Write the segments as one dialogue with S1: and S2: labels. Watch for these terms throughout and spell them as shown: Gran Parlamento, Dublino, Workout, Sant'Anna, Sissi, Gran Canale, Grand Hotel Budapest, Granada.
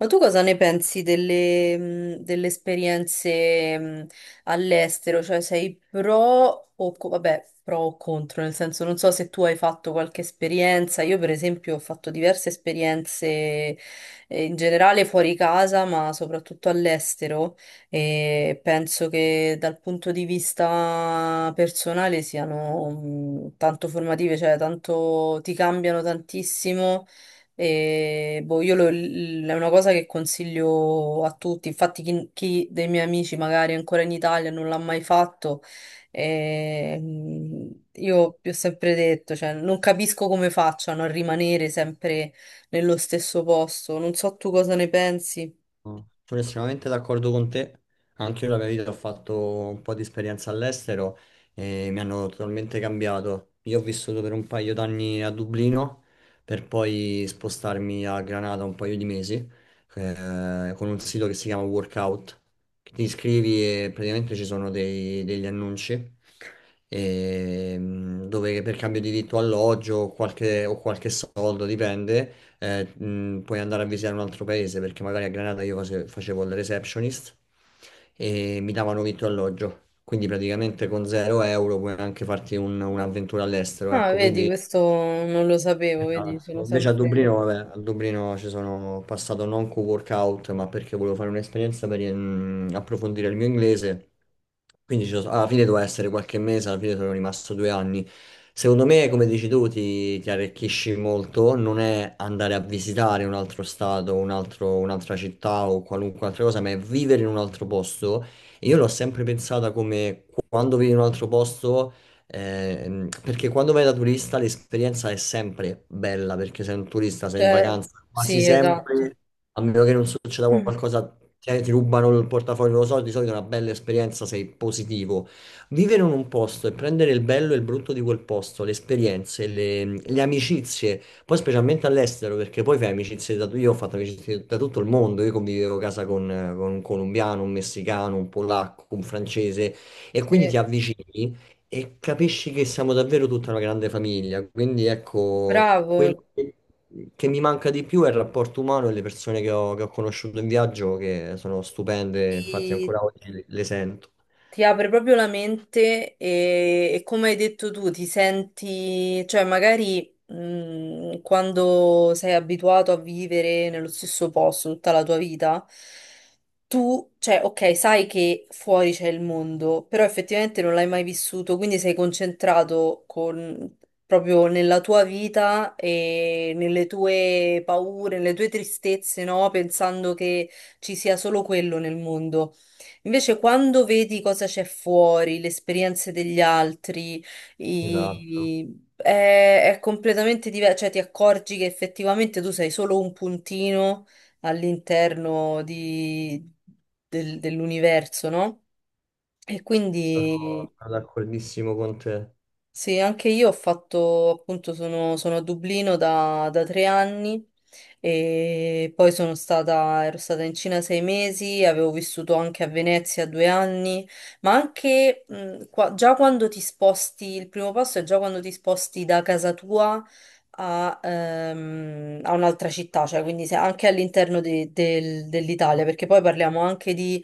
S1: Ma tu cosa ne pensi delle, delle esperienze all'estero? Cioè sei pro o, vabbè, pro o contro? Nel senso, non so se tu hai fatto qualche esperienza. Io, per esempio, ho fatto diverse esperienze in generale fuori casa, ma soprattutto all'estero. E penso che dal punto di vista personale siano tanto formative, cioè tanto ti cambiano tantissimo e boh, è una cosa che consiglio a tutti. Infatti, chi dei miei amici magari è ancora in Italia e non l'ha mai fatto, io vi ho sempre detto, cioè, non capisco come facciano a rimanere sempre nello stesso posto. Non so tu cosa ne pensi.
S2: Sono estremamente d'accordo con te. Anche io la mia vita ho fatto un po' di esperienza all'estero e mi hanno totalmente cambiato. Io ho vissuto per un paio d'anni a Dublino per poi spostarmi a Granada un paio di mesi con un sito che si chiama Workout, che ti iscrivi e praticamente ci sono degli annunci dove per cambio di vitto alloggio o o qualche soldo, dipende, puoi andare a visitare un altro paese, perché magari a Granada io facevo il receptionist e mi davano vitto e alloggio. Quindi praticamente con 0 euro puoi anche farti un'avventura all'estero,
S1: Ah,
S2: ecco,
S1: vedi,
S2: quindi.
S1: questo non lo sapevo, vedi, sono
S2: Esatto. Invece a
S1: sempre...
S2: Dublino, vabbè, a Dublino ci sono passato non co workout, ma perché volevo fare un'esperienza per approfondire il mio inglese. Quindi alla fine doveva essere qualche mese, alla fine sono rimasto 2 anni. Secondo me, come dici tu, ti arricchisci molto. Non è andare a visitare un altro stato, un'altra città o qualunque altra cosa, ma è vivere in un altro posto. E io l'ho sempre pensata come quando vivi in un altro posto. Perché quando vai da turista l'esperienza è sempre bella, perché sei un turista, sei in
S1: Cioè,
S2: vacanza, quasi
S1: sì, esatto.
S2: sempre, a meno che non succeda
S1: Mm.
S2: qualcosa, ti rubano il portafoglio, non lo so, di solito è una bella esperienza, sei positivo. Vivere in un posto e prendere il bello e il brutto di quel posto, le esperienze, le amicizie, poi specialmente all'estero, perché poi fai amicizie da... Io ho fatto amicizie da tutto il mondo, io convivevo a casa con un colombiano, un messicano, un polacco, un francese, e
S1: Sì,
S2: quindi ti avvicini. E capisci che siamo davvero tutta una grande famiglia, quindi ecco, quello
S1: bravo,
S2: che mi manca di più è il rapporto umano e le persone che ho conosciuto in viaggio, che sono stupende, infatti
S1: ti,
S2: ancora oggi le sento.
S1: ti apre proprio la mente e come hai detto tu, ti senti, cioè magari quando sei abituato a vivere nello stesso posto tutta la tua vita, tu, cioè, ok, sai che fuori c'è il mondo, però effettivamente non l'hai mai vissuto, quindi proprio nella tua vita e nelle tue paure, nelle tue tristezze, no? Pensando che ci sia solo quello nel mondo. Invece, quando vedi cosa c'è fuori, le esperienze degli altri,
S2: Esatto,
S1: è completamente diverso, cioè ti accorgi che effettivamente tu sei solo un puntino all'interno di- dell'universo, no? E quindi
S2: sono sono d'accordissimo con te.
S1: sì, anche io ho fatto, appunto, sono a Dublino da 3 anni e poi ero stata in Cina 6 mesi, avevo vissuto anche a Venezia 2 anni, ma anche già quando ti sposti, il primo passo è già quando ti sposti da casa tua a, a un'altra città, cioè anche all'interno dell'Italia, perché poi parliamo anche di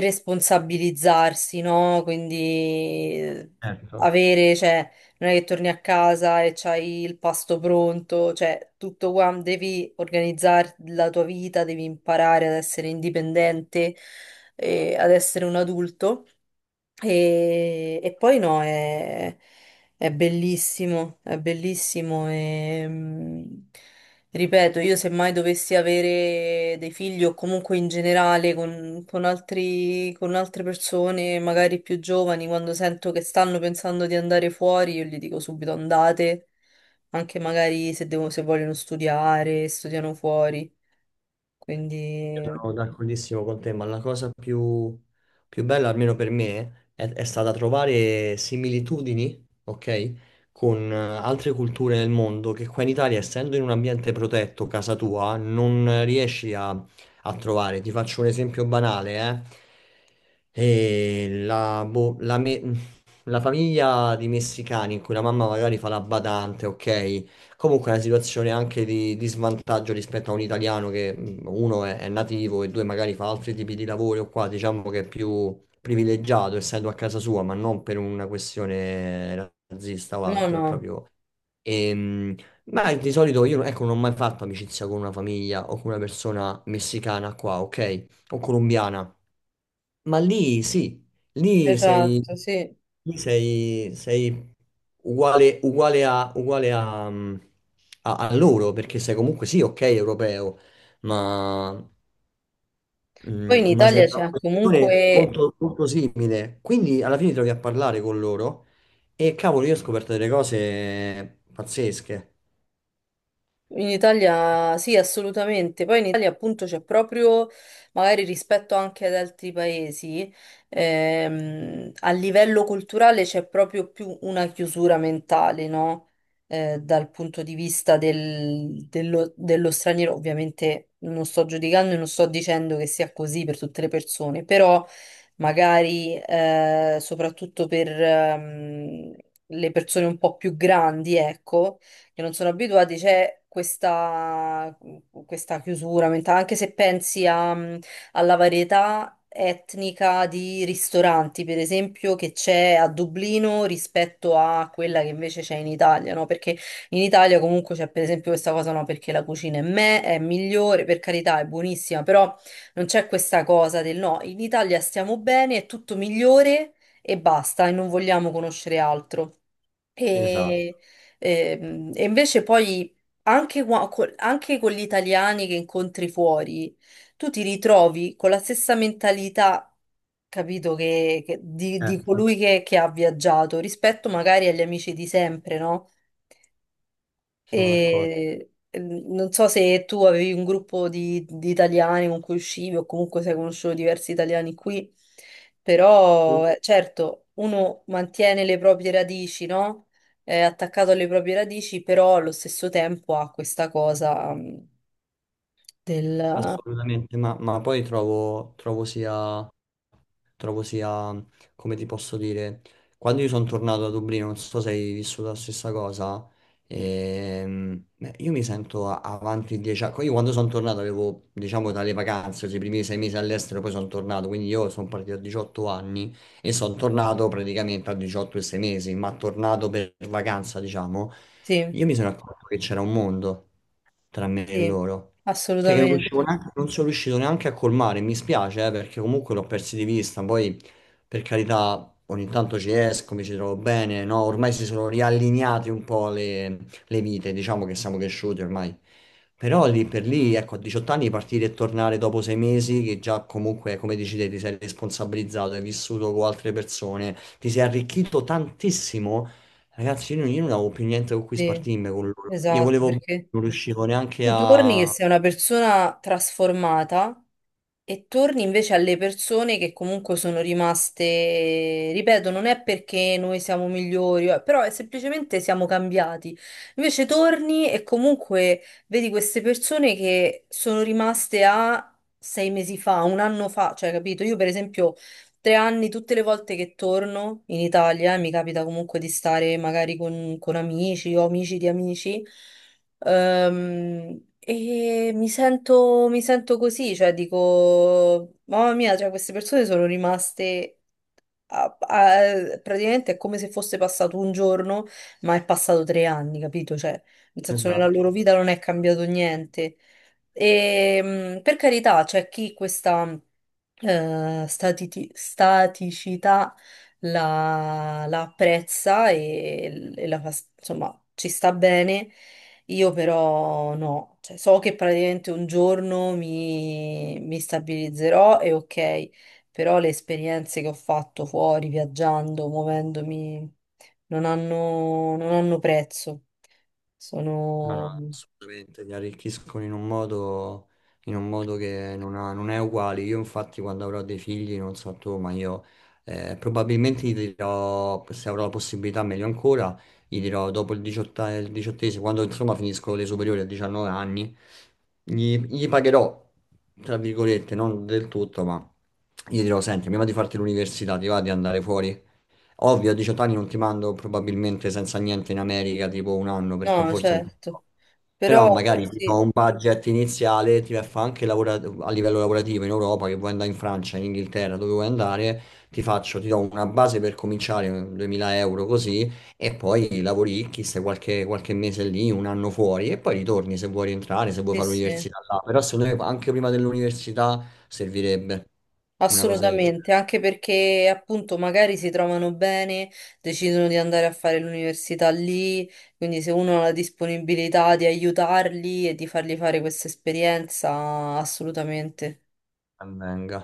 S1: responsabilizzarsi, no? Quindi
S2: Ecco.
S1: avere, cioè, non è che torni a casa e c'hai il pasto pronto, cioè, tutto qua, devi organizzare la tua vita, devi imparare ad essere indipendente e ad essere un adulto. E poi no, è bellissimo e, ripeto, io se mai dovessi avere dei figli o comunque in generale con con altre persone, magari più giovani, quando sento che stanno pensando di andare fuori, io gli dico subito andate, anche magari se vogliono studiare, studiano fuori, quindi...
S2: Sono d'accordissimo con te, ma la cosa più bella, almeno per me, è stata trovare similitudini, ok, con altre culture del mondo che qua in Italia, essendo in un ambiente protetto, casa tua, non riesci a trovare. Ti faccio un esempio banale, eh. E, boh, la famiglia di messicani in cui la mamma magari fa la badante, ok? Comunque è una situazione anche di svantaggio rispetto a un italiano che uno è nativo e due magari fa altri tipi di lavori o qua diciamo che è più privilegiato essendo a casa sua, ma non per una questione razzista o
S1: No,
S2: altro, è
S1: no,
S2: proprio... Ehm, ma di solito io ecco, non ho mai fatto amicizia con una famiglia o con una persona messicana qua, ok? O colombiana. Ma lì sì, lì sei,
S1: esatto, sì.
S2: lì sei uguale a loro, perché sei comunque sì, ok, europeo, ma,
S1: Poi
S2: mm,
S1: in
S2: ma sei
S1: Italia
S2: una
S1: c'è
S2: posizione
S1: comunque
S2: molto, molto simile. Quindi alla fine ti trovi a parlare con loro e cavolo, io ho scoperto delle cose pazzesche.
S1: in Italia sì, assolutamente. Poi in Italia appunto c'è proprio, magari rispetto anche ad altri paesi, a livello culturale c'è proprio più una chiusura mentale, no? Dal punto di vista dello straniero. Ovviamente non sto giudicando e non sto dicendo che sia così per tutte le persone, però magari soprattutto per le persone un po' più grandi, ecco, che non sono abituati, questa chiusura mentale, anche se pensi alla varietà etnica di ristoranti, per esempio, che c'è a Dublino rispetto a quella che invece c'è in Italia, no? Perché in Italia comunque c'è per esempio questa cosa, no, perché la cucina è migliore, per carità, è buonissima, però non c'è questa cosa del no, in Italia stiamo bene, è tutto migliore e basta, e non vogliamo conoscere altro.
S2: Esatto,
S1: E, e invece poi anche, anche con gli italiani che incontri fuori, tu ti ritrovi con la stessa mentalità, capito, di
S2: certo,
S1: colui che ha viaggiato rispetto magari agli amici di sempre, no?
S2: siamo d'accordo.
S1: E non so se tu avevi un gruppo di italiani con cui uscivi o comunque sei conosciuto diversi italiani qui, però certo uno mantiene le proprie radici, no? È attaccato alle proprie radici, però allo stesso tempo ha questa cosa del...
S2: Assolutamente, ma poi trovo sia, come ti posso dire, quando io sono tornato a Dublino, non so se hai vissuto la stessa cosa, beh, io mi sento avanti 10 anni, io quando sono tornato avevo, diciamo, dalle vacanze, cioè i primi 6 mesi all'estero, poi sono tornato, quindi io sono partito a 18 anni e sono tornato praticamente a 18 e 6 mesi, ma tornato per vacanza, diciamo,
S1: Sì,
S2: io mi sono accorto che c'era un mondo tra me e
S1: sì,
S2: loro. Cioè che
S1: assolutamente,
S2: non sono riuscito neanche a colmare, mi spiace, perché comunque l'ho persi di vista, poi per carità ogni tanto ci esco, mi ci trovo bene, no? Ormai si sono riallineate un po' le vite, diciamo che siamo cresciuti ormai. Però lì per lì, ecco, a 18 anni partire e tornare dopo 6 mesi, che già comunque, come dici te, ti sei responsabilizzato, hai vissuto con altre persone, ti sei arricchito tantissimo. Ragazzi, io non avevo più niente con cui
S1: sì,
S2: spartirmi con loro. Io
S1: esatto,
S2: volevo,
S1: perché
S2: non riuscivo neanche
S1: tu torni che
S2: a...
S1: sei una persona trasformata e torni invece alle persone che comunque sono rimaste, ripeto, non è perché noi siamo migliori, però è semplicemente siamo cambiati. Invece torni e comunque vedi queste persone che sono rimaste a 6 mesi fa, un anno fa, cioè capito? Io per esempio 3 anni, tutte le volte che torno in Italia, e mi capita comunque di stare magari con amici o amici di amici. E mi sento così, cioè dico, mamma mia, cioè, queste persone sono rimaste praticamente è come se fosse passato un giorno, ma è passato 3 anni, capito? Cioè, nel senso, nella loro
S2: Esatto,
S1: vita non è cambiato niente. E, per carità, c'è chi questa staticità la apprezza e la fa, insomma, ci sta bene. Io però no. Cioè, so che praticamente un giorno mi stabilizzerò e ok, però le esperienze che ho fatto fuori, viaggiando, muovendomi, non hanno prezzo.
S2: no, no,
S1: Sono...
S2: assolutamente, li arricchiscono in un modo che non è uguale. Io infatti quando avrò dei figli, non so tu, ma io probabilmente gli dirò, se avrò la possibilità, meglio ancora, gli dirò dopo il 18, il diciottesimo, quando insomma finisco le superiori a 19 anni, gli pagherò, tra virgolette, non del tutto, ma gli dirò, senti, prima di farti l'università, ti va di andare fuori? Ovvio, a 18 anni non ti mando probabilmente senza niente in America, tipo un anno, perché
S1: No,
S2: forse è un po'.
S1: certo.
S2: Però
S1: Però
S2: magari ti do
S1: sì,
S2: un budget iniziale, ti fa anche a livello lavorativo in Europa, che vuoi andare in Francia, in Inghilterra, dove vuoi andare, ti faccio, ti do una base per cominciare, 2000 euro così, e poi lavoricchi, stai qualche mese lì, un anno fuori, e poi ritorni se vuoi rientrare, se vuoi
S1: sì,
S2: fare
S1: sì.
S2: l'università là. Però secondo me anche prima dell'università servirebbe una cosa del
S1: Assolutamente,
S2: genere,
S1: anche perché appunto magari si trovano bene, decidono di andare a fare l'università lì, quindi se uno ha la disponibilità di aiutarli e di fargli fare questa esperienza, assolutamente.
S2: ben venga.